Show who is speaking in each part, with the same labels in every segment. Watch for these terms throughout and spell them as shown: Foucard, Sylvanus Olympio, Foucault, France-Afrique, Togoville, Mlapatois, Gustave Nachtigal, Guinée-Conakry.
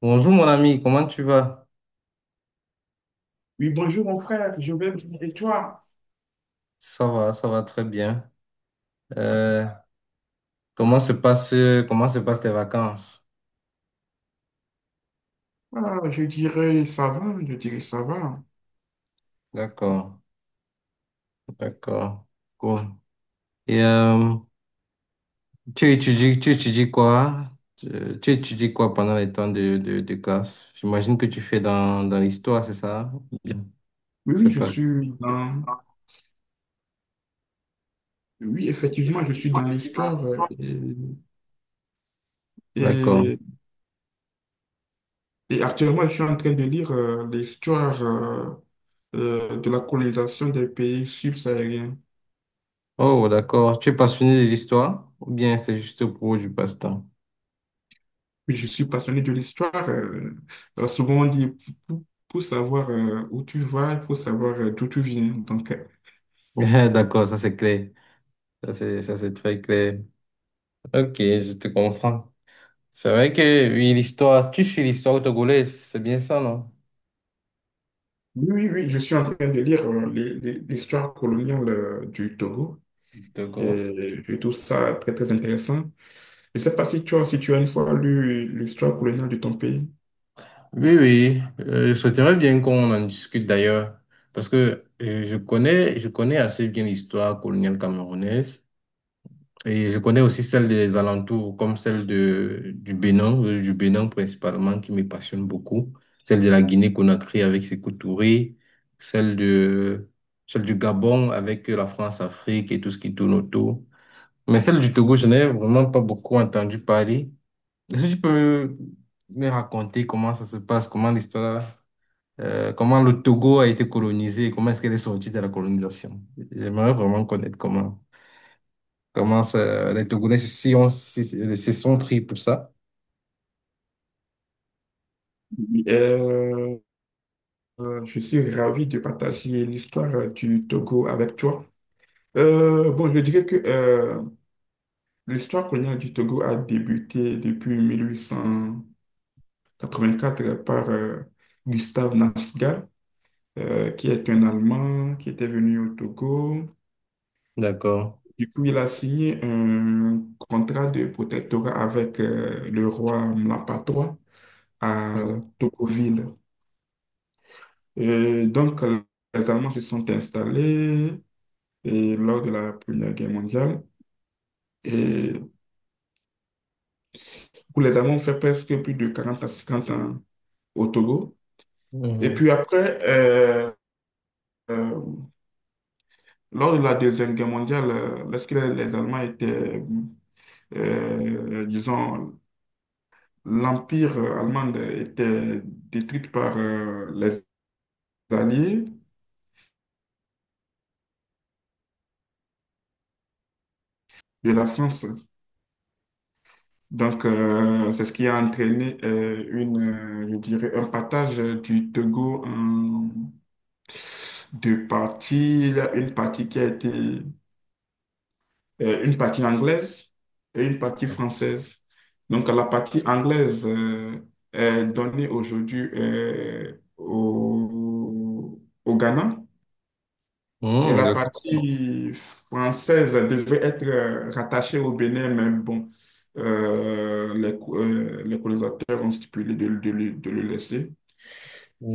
Speaker 1: Bonjour mon ami, comment tu vas?
Speaker 2: Oui, bonjour mon frère, je vais bien. Et toi?
Speaker 1: Ça va très bien. Euh, comment se passe, comment se passent tes vacances?
Speaker 2: Ah, je dirais ça va, je dirais ça va.
Speaker 1: D'accord, d'accord, cool. Et tu étudies quoi? Tu, tu étudies quoi pendant les temps de classe? J'imagine que tu fais dans l'histoire, c'est ça? Bien,
Speaker 2: Oui, oui,
Speaker 1: c'est
Speaker 2: je
Speaker 1: pas ça.
Speaker 2: suis dans. Oui, effectivement, je suis dans l'histoire et,
Speaker 1: D'accord.
Speaker 2: et- et actuellement, je suis en train de lire l'histoire de la colonisation des pays subsahariens.
Speaker 1: Oh, d'accord. Tu es passionné de l'histoire? Ou bien c'est juste pour du passe-temps?
Speaker 2: Oui, je suis passionné de l'histoire. Alors, souvent, on dit, pour savoir où tu vas, il faut savoir d'où tu viens. Donc.
Speaker 1: D'accord, ça c'est clair. Ça c'est très clair. Ok, je te comprends. C'est vrai que oui, l'histoire, tu suis l'histoire togolaise, c'est bien ça, non?
Speaker 2: Oui, oui, oui, je suis en train de lire l'histoire coloniale du Togo. Et
Speaker 1: D'accord.
Speaker 2: je trouve ça très, très intéressant. Je ne sais pas si tu as une fois lu l'histoire coloniale de ton pays.
Speaker 1: Oui, oui, je souhaiterais bien qu'on en discute d'ailleurs, parce que je connais assez bien l'histoire coloniale camerounaise et je connais aussi celle des alentours, comme du Bénin principalement, qui me passionne beaucoup, celle de la Guinée-Conakry avec ses Touré, celle de, celle du Gabon avec la France-Afrique et tout ce qui tourne autour. Mais celle du Togo, je n'ai vraiment pas beaucoup entendu parler. Est-ce que tu peux me raconter comment ça se passe, comment le Togo a été colonisé, comment est-ce qu'elle est sortie de la colonisation? J'aimerais vraiment connaître comment. Comment ça, les Togolais si on, se sont pris pour ça?
Speaker 2: Oui. Je suis ravi de partager l'histoire du Togo avec toi. Bon, je dirais que l'histoire coloniale du Togo a débuté depuis 1884 par Gustave Nachtigal, qui est un Allemand qui était venu au Togo.
Speaker 1: D'accord.
Speaker 2: Du coup, il a signé un contrat de protectorat avec le roi Mlapatois à
Speaker 1: Oui.
Speaker 2: Togoville. Et donc, les Allemands se sont installés et lors de la Première Guerre mondiale. Et du coup, les Allemands ont fait presque plus de 40 à 50 ans au Togo. Et
Speaker 1: Mhm.
Speaker 2: puis après, euh, lors de la Deuxième Guerre mondiale, lorsque les Allemands étaient, disons, l'Empire allemand était détruit par les alliés de la France. Donc, c'est ce qui a entraîné un partage du Togo en deux parties. Il y a une partie qui a été, une partie anglaise et une partie française. Donc, la partie anglaise est donnée aujourd'hui au, au Ghana. Et
Speaker 1: Mhm,
Speaker 2: la
Speaker 1: d'accord.
Speaker 2: partie française devait être rattachée au Bénin, mais bon, les colonisateurs ont stipulé de le laisser.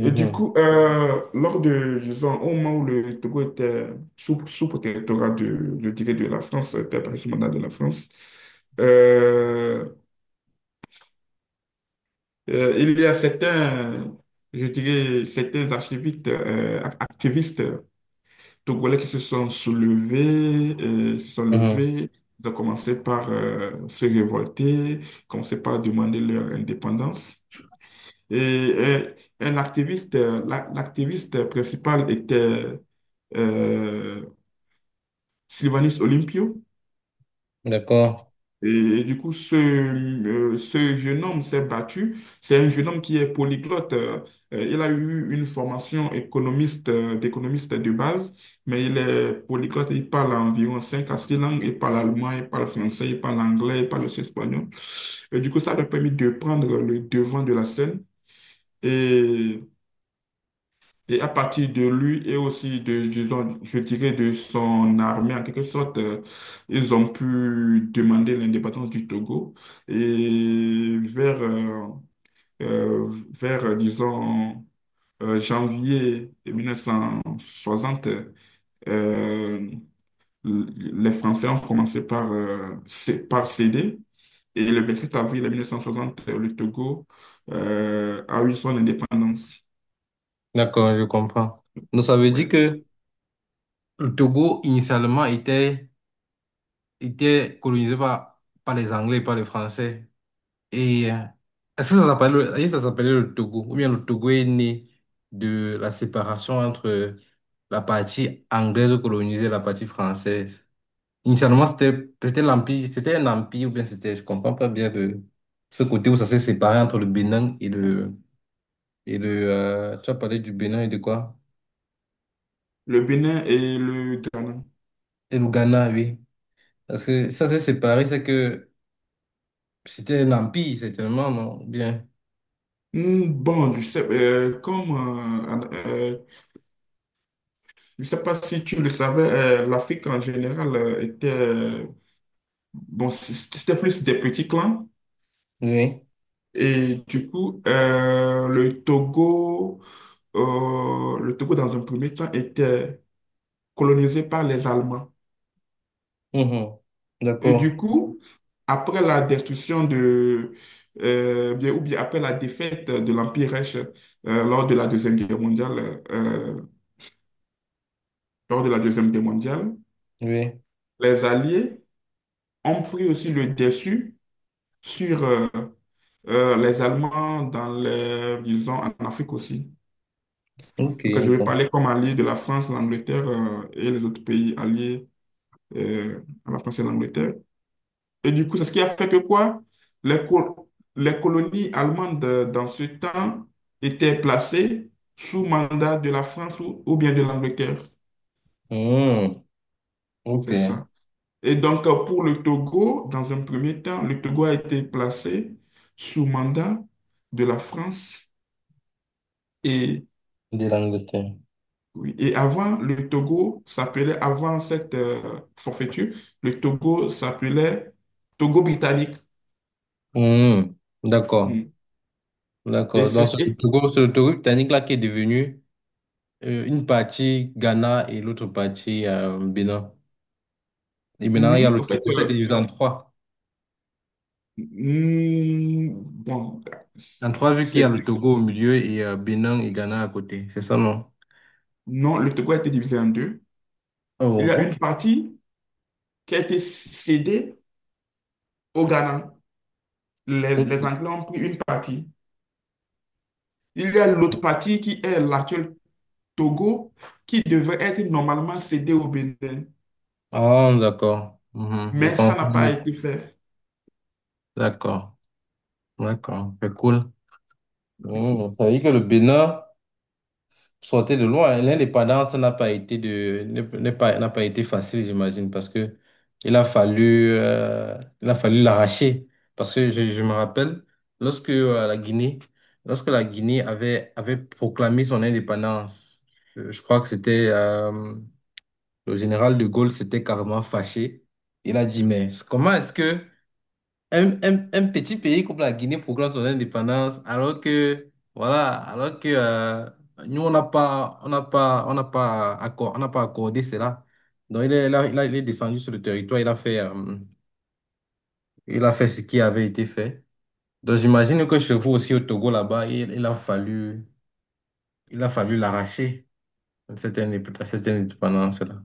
Speaker 2: Et du coup, lors de, disons, au moment où le Togo était sous protectorat de, je dirais, de la France, était par sous mandat de la France, euh, il y a certains, je dirais, certains archivistes, activistes Togolais qui se sont soulevés, se sont
Speaker 1: Mhm.
Speaker 2: levés. Ils ont commencé par se révolter, commencé par demander leur indépendance. Et, un activiste, l'activiste principal était euh, Sylvanus Olympio.
Speaker 1: D'accord.
Speaker 2: Et, et du coup, ce jeune homme s'est battu. C'est un jeune homme qui est polyglotte. Il a eu une formation économiste, d'économiste de base, mais il est polyglotte. Il parle environ 5 à 6 langues. Il parle allemand, il parle français, il parle anglais, il parle aussi espagnol. Et du coup, ça lui a permis de prendre le devant de la scène. Et et à partir de lui et aussi de, disons, je dirais de son armée, en quelque sorte, ils ont pu demander l'indépendance du Togo. Et vers, disons, janvier 1960, euh, les Français ont commencé par céder. Et le 27 avril 1960, le Togo, a eu son indépendance.
Speaker 1: D'accord, je comprends. Donc, ça veut dire
Speaker 2: Ouais.
Speaker 1: que le Togo, initialement, était colonisé par les Anglais, par les Français. Et est-ce que ça s'appelle, est-ce que ça s'appelait le Togo? Ou bien le Togo est né de la séparation entre la partie anglaise colonisée et la partie française. Initialement, c'était l'empire, c'était un empire, ou bien c'était, je comprends pas bien de ce côté où ça s'est séparé entre le Bénin et le tu as parlé du Bénin et de quoi?
Speaker 2: Le Bénin et le Ghana.
Speaker 1: Et le Ghana, oui. Parce que ça s'est séparé, c'est que c'était un empire, certainement, non? Bien.
Speaker 2: Bon, euh, je sais pas si tu le savais, l'Afrique en général était, bon, c'était plus des petits clans.
Speaker 1: Oui.
Speaker 2: Et du coup, le Togo dans un premier temps était colonisé par les Allemands.
Speaker 1: Mhm.
Speaker 2: Et du
Speaker 1: D'accord.
Speaker 2: coup, après la destruction ou bien après la défaite de l'Empire Reich lors de la Deuxième Guerre mondiale, lors de la Deuxième Guerre mondiale,
Speaker 1: Oui.
Speaker 2: les Alliés ont pris aussi le dessus sur les Allemands dans les, disons, en Afrique aussi.
Speaker 1: Ok.
Speaker 2: Donc, je vais
Speaker 1: com-
Speaker 2: parler comme allié de la France, l'Angleterre et les autres pays alliés à la France et à l'Angleterre. Et du coup, c'est ce qui a fait que quoi? Les, co- les colonies allemandes dans ce temps étaient placées sous mandat de la France ou bien de l'Angleterre.
Speaker 1: Hmm. Ok.
Speaker 2: C'est ça. Et donc, pour le Togo, dans un premier temps, le Togo a été placé sous mandat de la France. Et,
Speaker 1: De l'Angleterre.
Speaker 2: oui, et avant, le Togo s'appelait, avant cette forfaiture, le Togo s'appelait Togo britannique.
Speaker 1: Hmm. D'accord.
Speaker 2: Mm. Et
Speaker 1: D'accord. Donc,
Speaker 2: c'était,
Speaker 1: C'est le Togo britannique là qui est devenu une partie Ghana et l'autre partie Bénin. Et maintenant, il y a
Speaker 2: oui,
Speaker 1: le
Speaker 2: en fait,
Speaker 1: Togo. C'est divisé en trois.
Speaker 2: bon,
Speaker 1: En trois, vu qu'il y a
Speaker 2: c'est-
Speaker 1: le Togo au milieu et Bénin et Ghana à côté. C'est ça, non?
Speaker 2: non, le Togo a été divisé en deux. Il
Speaker 1: Oh,
Speaker 2: y a une
Speaker 1: ok.
Speaker 2: partie qui a été cédée au Ghana. Les,
Speaker 1: Ok.
Speaker 2: les Anglais ont pris une partie. Il y a l'autre partie qui est l'actuel Togo, qui devait être normalement cédée au Bénin,
Speaker 1: Ah, d'accord. Mhm. J'ai
Speaker 2: mais ça n'a pas
Speaker 1: compris.
Speaker 2: été fait.
Speaker 1: D'accord. D'accord. C'est cool. Hmm. Ça veut dire que le Bénin. Sortez de loin, hein. L'indépendance n'a pas n'a pas été facile, j'imagine, parce que il a fallu l'arracher. Parce que je me rappelle, lorsque lorsque la Guinée avait proclamé son indépendance, je crois que c'était, le général de Gaulle s'était carrément fâché. Il a dit, mais comment est-ce que un petit pays comme la Guinée proclame son indépendance alors que, voilà, alors que nous, on n'a pas accordé cela. Donc, il est descendu sur le territoire, il a fait ce qui avait été fait. Donc, j'imagine que chez vous aussi au Togo, là-bas, il a fallu l'arracher, cette cette indépendance-là.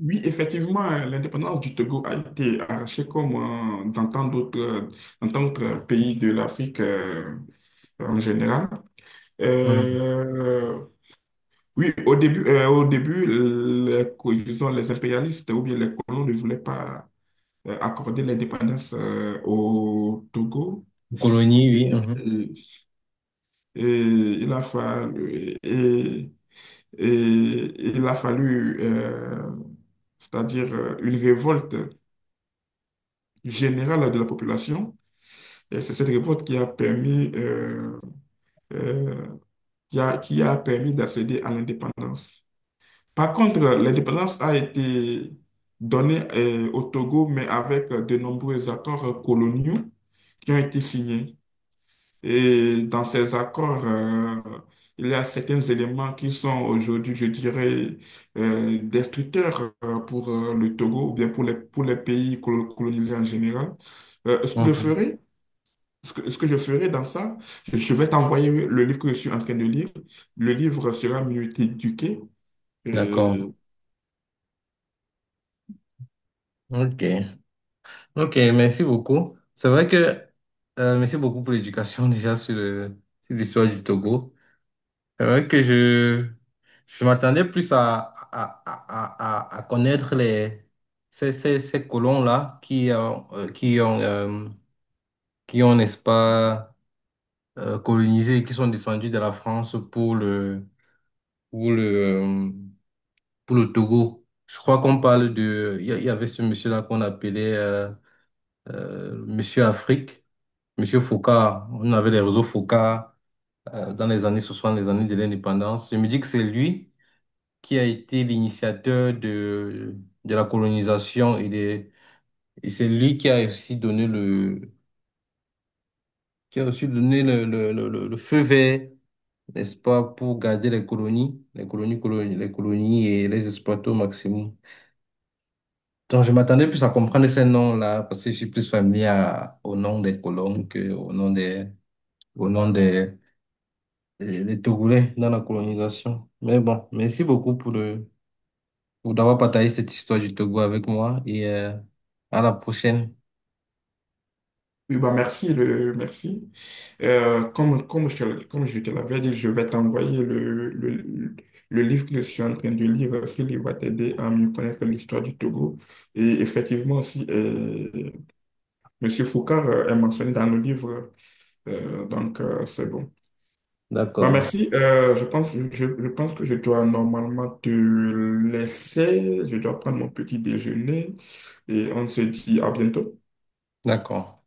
Speaker 2: Oui, effectivement, l'indépendance du Togo a été arrachée comme euh, dans tant d'autres dans tant d'autres pays de l'Afrique en général.
Speaker 1: Mhm.
Speaker 2: Euh, oui, au début, disons, les impérialistes ou bien les colons ne voulaient pas accorder l'indépendance au Togo.
Speaker 1: Colonie, oui. Mhm.
Speaker 2: Et, Et il a fallu, et, il a fallu, c'est-à-dire une révolte générale de la population. Et c'est cette révolte euh, qui a permis d'accéder à l'indépendance. Par contre, l'indépendance a été donnée au Togo, mais avec de nombreux accords coloniaux qui ont été signés. Et dans ces accords, il y a certains éléments qui sont aujourd'hui, je dirais, destructeurs pour le Togo ou bien pour les pays colonisés en général. Euh, ce que je
Speaker 1: Mhm.
Speaker 2: ferai, ce que je ferai dans ça, je vais t'envoyer le livre que je suis en train de lire. Le livre sera mieux éduqué.
Speaker 1: D'accord.
Speaker 2: euh,
Speaker 1: OK. Ok, merci beaucoup. C'est vrai que, merci beaucoup pour l'éducation déjà sur le, sur l'histoire du Togo. C'est vrai que je m'attendais plus à connaître ces colons-là qui ont, n'est-ce pas, colonisé et qui sont descendus de la France pour le, euh, pour le Togo. Je crois qu'on parle de, il y avait ce monsieur-là qu'on appelait, Monsieur Afrique. Monsieur Foucault, on avait les réseaux Foucault dans les années 60, les années de l'indépendance. Je me dis que c'est lui qui a été l'initiateur de la colonisation et c'est lui qui a aussi donné qui a aussi donné le feu vert, n'est-ce pas, pour garder les colonies et les exploiter au maximum. Donc, je m'attendais plus à comprendre ces noms-là parce que je suis plus familier au nom des colons que au nom des, les Togolais dans la colonisation. Mais bon, merci beaucoup pour pour d'avoir partagé cette histoire du Togo avec moi et à la prochaine.
Speaker 2: Oui, bah merci, merci. Comme je te l'avais dit, je vais t'envoyer le livre que je suis en train de lire. Ce livre va t'aider à mieux connaître l'histoire du Togo. Et effectivement aussi, Monsieur Foucard est mentionné dans le livre. Donc, c'est bon. Bah
Speaker 1: D'accord.
Speaker 2: merci. Je pense que je dois normalement te laisser. Je dois prendre mon petit déjeuner. Et on se dit à bientôt.
Speaker 1: D'accord.